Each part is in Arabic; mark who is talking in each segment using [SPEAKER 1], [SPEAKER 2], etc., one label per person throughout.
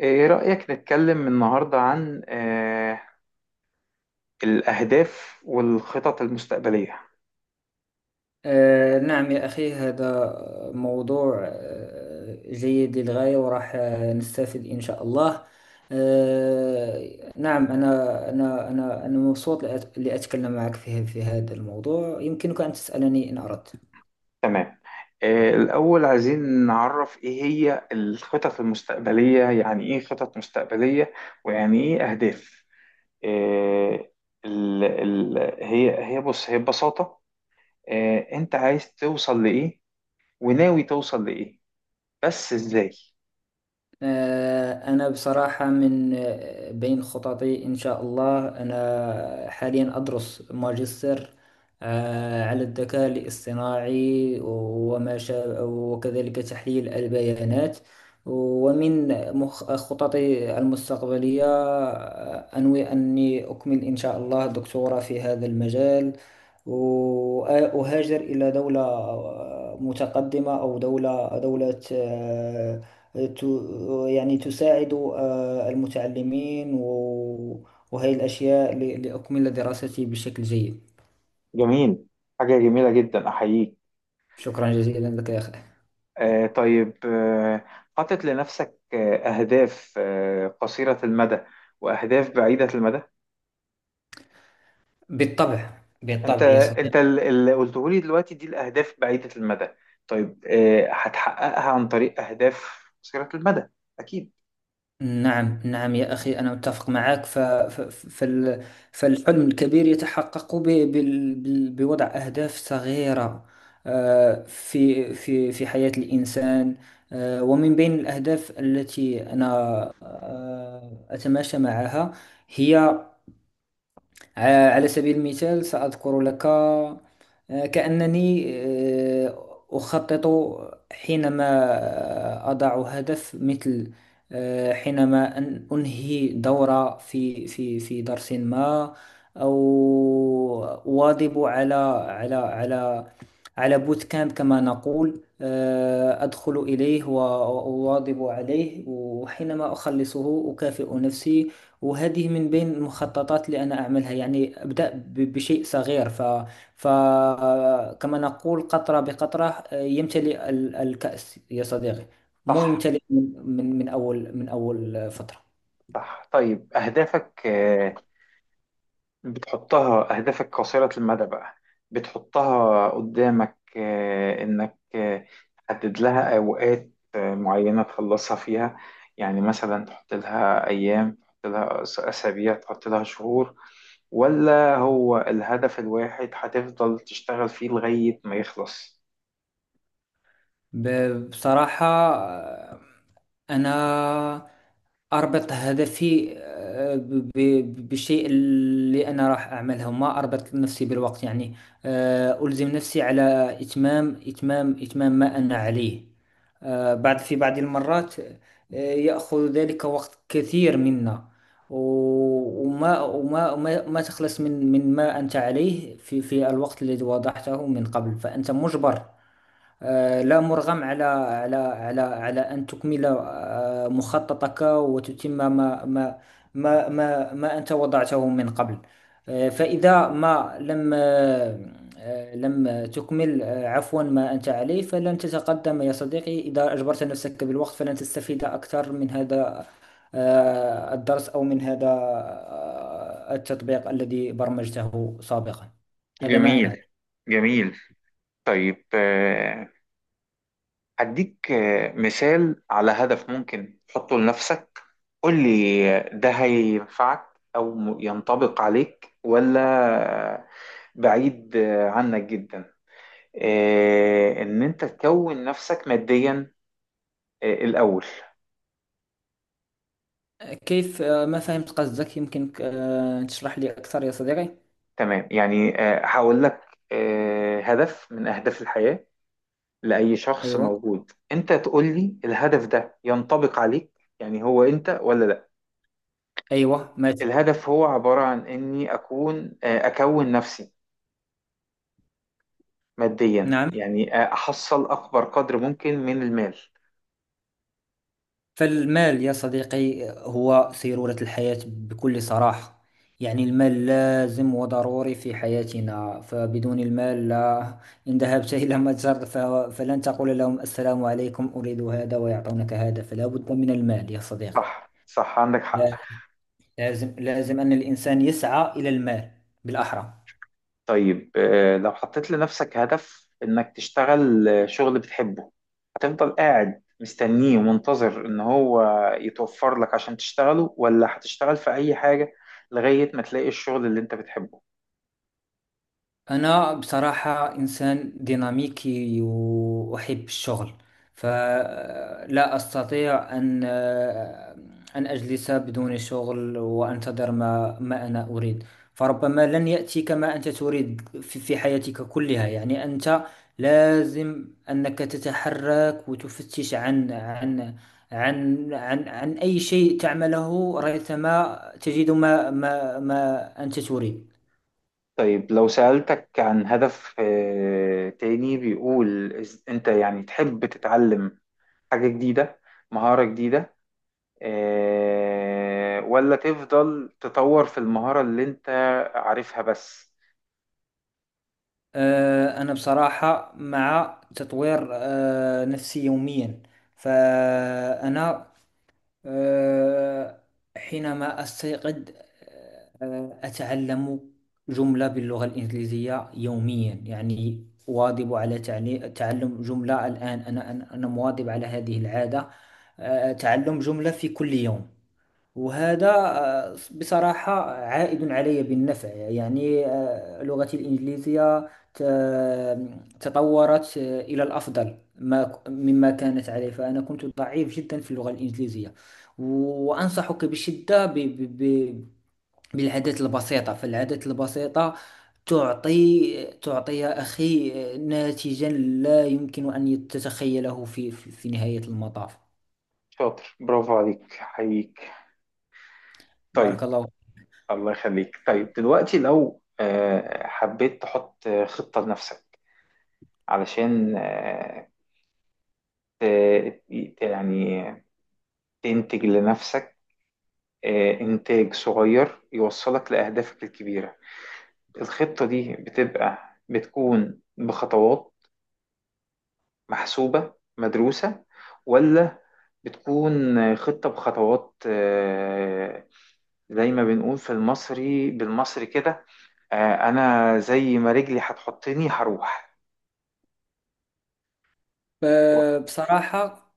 [SPEAKER 1] إيه رأيك نتكلم النهاردة عن الأهداف والخطط المستقبلية؟
[SPEAKER 2] نعم يا أخي، هذا موضوع جيد للغاية، وراح نستفيد إن شاء الله. نعم، أنا مبسوط لأتكلم معك في هذا الموضوع. يمكنك أن تسألني إن أردت.
[SPEAKER 1] تمام. الأول عايزين نعرف إيه هي الخطط المستقبلية، يعني إيه خطط مستقبلية ويعني إيه أهداف؟ آه، ال ال هي هي بص هي ببساطة. أنت عايز توصل لإيه وناوي توصل لإيه؟ بس إزاي؟
[SPEAKER 2] أنا بصراحة من بين خططي، إن شاء الله أنا حاليا أدرس ماجستير على الذكاء الاصطناعي وما شابه، وكذلك تحليل البيانات. ومن خططي المستقبلية أنوي أني أكمل إن شاء الله دكتوراه في هذا المجال، وأهاجر إلى دولة متقدمة، أو دولة ت- يعني تساعد المتعلمين وهي الأشياء لأكمل دراستي بشكل جيد.
[SPEAKER 1] جميل، حاجة جميلة جدا أحييك.
[SPEAKER 2] شكرا جزيلا لك يا أخي.
[SPEAKER 1] طيب، حاطط لنفسك أهداف قصيرة المدى وأهداف بعيدة المدى.
[SPEAKER 2] بالطبع
[SPEAKER 1] أنت
[SPEAKER 2] بالطبع يا صديقي.
[SPEAKER 1] أنت اللي قلته لي دلوقتي دي الأهداف بعيدة المدى. طيب، هتحققها عن طريق أهداف قصيرة المدى، أكيد؟
[SPEAKER 2] نعم نعم يا أخي، أنا متفق معك. فال... فالحلم الكبير يتحقق بوضع أهداف صغيرة في حياة الإنسان. ومن بين الأهداف التي أنا أتماشى معها، هي على سبيل المثال سأذكر لك. كأنني أخطط حينما أضع هدف، مثل حينما أن أنهي دورة في درس ما، أو أواظب على على على بوت كامب كما نقول. أدخل إليه وأواظب عليه، وحينما أخلصه أكافئ نفسي. وهذه من بين المخططات اللي أنا أعملها، يعني أبدأ بشيء صغير. فكما نقول: قطرة بقطرة يمتلئ الكأس يا صديقي. مو
[SPEAKER 1] صح،
[SPEAKER 2] يمتلئ من أول، من أول فترة.
[SPEAKER 1] صح. طيب، أهدافك آه، بتحطها أهدافك قصيرة المدى بقى، بتحطها قدامك، إنك تحدد لها أوقات معينة تخلصها فيها. يعني مثلا تحط لها أيام، تحط لها أسابيع، تحط لها شهور، ولا هو الهدف الواحد هتفضل تشتغل فيه لغاية ما يخلص؟
[SPEAKER 2] بصراحة آه، أنا أربط هدفي بالشيء اللي أنا راح أعمله، ما أربط نفسي بالوقت يعني. ألزم نفسي على إتمام ما أنا عليه. بعد، في بعض المرات يأخذ ذلك وقت كثير منا. وما ما تخلص من ما أنت عليه في الوقت الذي وضعته من قبل، فأنت مجبر لا مرغم على أن تكمل مخططك، وتتم ما ما أنت وضعته من قبل. فإذا ما لم آه، آه، لم تكمل عفوا، ما أنت عليه، فلن تتقدم يا صديقي. إذا أجبرت نفسك بالوقت فلن تستفيد أكثر من هذا الدرس، أو من هذا التطبيق الذي برمجته سابقا. هذا ما أنا...
[SPEAKER 1] جميل، جميل. طيب، هديك مثال على هدف ممكن تحطه لنفسك. قول لي ده هينفعك أو ينطبق عليك، ولا آه، بعيد عنك جدا؟ إن أنت تكون نفسك ماديا الأول.
[SPEAKER 2] كيف، ما فهمت قصدك، يمكنك تشرح لي أكثر يا صديقي؟
[SPEAKER 1] تمام. يعني هقول لك هدف من أهداف الحياة لأي شخص
[SPEAKER 2] أيوة.
[SPEAKER 1] موجود، أنت تقول لي الهدف ده ينطبق عليك، يعني هو أنت، ولا؟
[SPEAKER 2] أيوة ماتي.
[SPEAKER 1] الهدف هو عبارة عن إني أكون نفسي ماديا،
[SPEAKER 2] نعم،
[SPEAKER 1] يعني أحصل أكبر قدر ممكن من المال.
[SPEAKER 2] فالمال يا صديقي هو سيرورة الحياة بكل صراحة. يعني المال لازم وضروري في حياتنا، فبدون المال لا. إن ذهبت إلى متجر فلن تقول لهم السلام عليكم أريد هذا ويعطونك هذا، فلا بد من المال يا صديقي.
[SPEAKER 1] صح، صح، عندك حق.
[SPEAKER 2] لا- لازم لازم أن الإنسان يسعى إلى المال بالأحرى.
[SPEAKER 1] طيب، لو حطيت لنفسك هدف إنك تشتغل شغل بتحبه، هتفضل قاعد مستنيه ومنتظر إن هو يتوفر لك عشان تشتغله، ولا هتشتغل في أي حاجة لغاية ما تلاقي الشغل اللي أنت بتحبه؟
[SPEAKER 2] أنا بصراحة إنسان ديناميكي وأحب الشغل، فلا أستطيع أن أجلس بدون شغل وأنتظر ما أنا أريد. فربما لن يأتيك ما أنت تريد في حياتك كلها، يعني أنت لازم أنك تتحرك وتفتش عن أي شيء تعمله ريثما تجد ما أنت تريد.
[SPEAKER 1] طيب، لو سألتك عن هدف تاني بيقول أنت يعني تحب تتعلم حاجة جديدة، مهارة جديدة، ولا تفضل تطور في المهارة اللي انت عارفها بس؟
[SPEAKER 2] أنا بصراحة مع تطوير نفسي يوميا. فأنا آه، حينما أستيقظ أتعلم جملة باللغة الإنجليزية يوميا، يعني واظب على تعلم جملة. الآن أنا مواظب على هذه العادة، تعلم جملة في كل يوم. وهذا بصراحة عائد علي بالنفع، يعني لغتي الإنجليزية تطورت إلى الأفضل ما مما كانت عليه، فأنا كنت ضعيف جدا في اللغة الإنجليزية. وأنصحك بشدة بالعادات البسيطة، فالعادات البسيطة تعطي تعطي يا أخي ناتجا لا يمكن أن تتخيله في نهاية المطاف.
[SPEAKER 1] شاطر، برافو عليك حقيقي.
[SPEAKER 2] بارك
[SPEAKER 1] طيب.
[SPEAKER 2] الله.
[SPEAKER 1] الله يخليك. طيب دلوقتي، لو حبيت تحط خطة لنفسك علشان ت- يعني تنتج لنفسك إنتاج صغير يوصلك لأهدافك الكبيرة، الخطة دي بتكون بخطوات محسوبة مدروسة، ولا بتكون خطة بخطوات زي ما بنقول في المصري بالمصري كده، أنا زي ما رجلي هتحطني هروح؟
[SPEAKER 2] بصراحة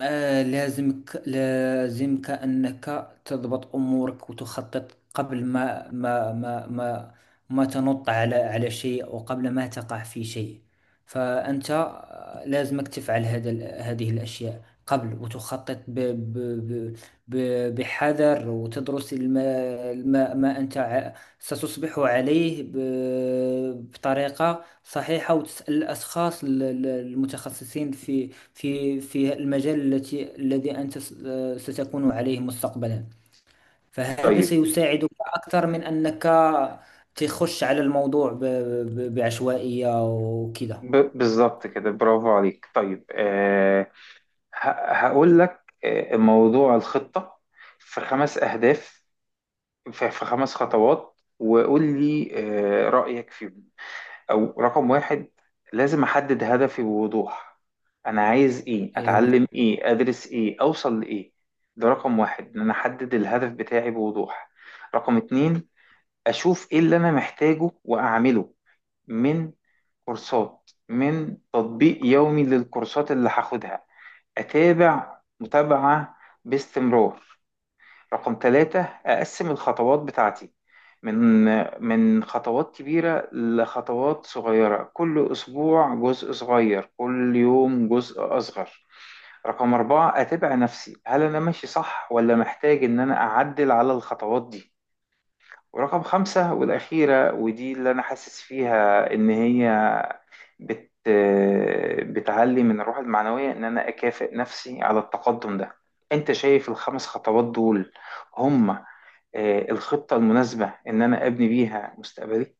[SPEAKER 2] لازمك أنك تضبط أمورك وتخطط قبل ما تنط على شيء، أو قبل ما تقع في شيء. فأنت لازمك تفعل هذه الأشياء قبل، وتخطط ب بحذر، وتدرس الما ما, ما أنت ستصبح عليه بطريقة صحيحة، وتسأل الأشخاص المتخصصين في المجال الذي أنت ستكون عليه مستقبلا، فهذا
[SPEAKER 1] طيب،
[SPEAKER 2] سيساعدك أكثر من أنك تخش على الموضوع بعشوائية وكذا.
[SPEAKER 1] بالظبط كده، برافو عليك. طيب هقول لك موضوع الخطة في خمس أهداف، في خمس خطوات، وقول لي رأيك فيهم. او رقم واحد: لازم احدد هدفي بوضوح، انا عايز ايه،
[SPEAKER 2] أيوة.
[SPEAKER 1] اتعلم ايه، ادرس ايه، اوصل لايه. ده رقم واحد، ان انا احدد الهدف بتاعي بوضوح. رقم اتنين: اشوف ايه اللي انا محتاجه واعمله، من كورسات، من تطبيق يومي للكورسات اللي هاخدها، اتابع متابعة باستمرار. رقم ثلاثة: أقسم الخطوات بتاعتي من من خطوات كبيرة لخطوات صغيرة، كل أسبوع جزء صغير، كل يوم جزء أصغر. رقم أربعة: أتابع نفسي، هل أنا ماشي صح ولا محتاج إن أنا أعدل على الخطوات دي. ورقم خمسة والأخيرة، ودي اللي أنا حاسس فيها إن هي بت بتعلي من الروح المعنوية، إن أنا أكافئ نفسي على التقدم ده. أنت شايف الخمس خطوات دول هم الخطة المناسبة إن أنا أبني بيها مستقبلي؟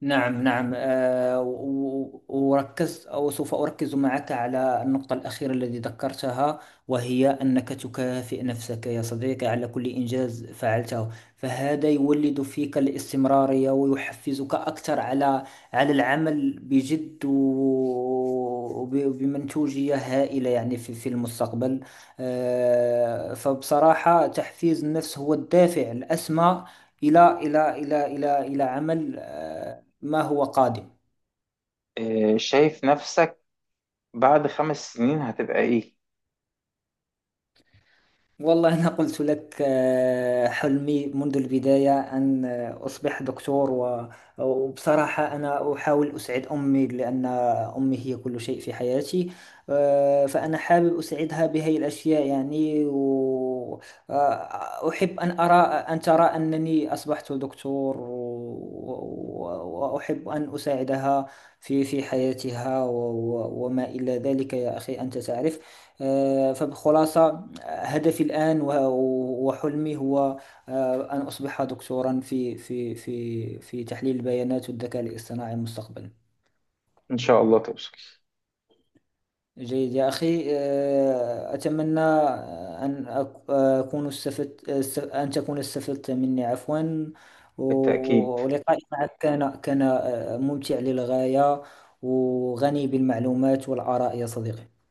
[SPEAKER 2] نعم نعم وركزت، أو سوف أركز معك على النقطة الأخيرة التي ذكرتها، وهي أنك تكافئ نفسك يا صديقي على كل إنجاز فعلته. فهذا يولد فيك الاستمرارية ويحفزك أكثر على العمل بجد وبمنتوجية هائلة، يعني في المستقبل. فبصراحة، تحفيز النفس هو الدافع الأسمى إلى عمل ما هو قادم.
[SPEAKER 1] شايف نفسك بعد 5 سنين هتبقى إيه؟
[SPEAKER 2] والله، أنا قلت لك حلمي منذ البداية أن أصبح دكتور، وبصراحة أنا أحاول أسعد أمي، لأن أمي هي كل شيء في حياتي. فأنا حابب أسعدها بهذه الأشياء يعني، وأحب أن أرى، أن ترى أنني أصبحت دكتور، وأحب أن أساعدها في حياتها، وما إلى ذلك يا أخي أنت تعرف. فبخلاصة، هدفي الآن وحلمي هو أن أصبح دكتورا في تحليل البيانات والذكاء الاصطناعي مستقبلا.
[SPEAKER 1] إن شاء الله توصل.
[SPEAKER 2] جيد يا أخي. أتمنى أن أكون استفدت، أن تكون استفدت مني، عفوا.
[SPEAKER 1] بالتأكيد.
[SPEAKER 2] ولقائي معك كان كان ممتع للغاية وغني بالمعلومات والآراء يا صديقي.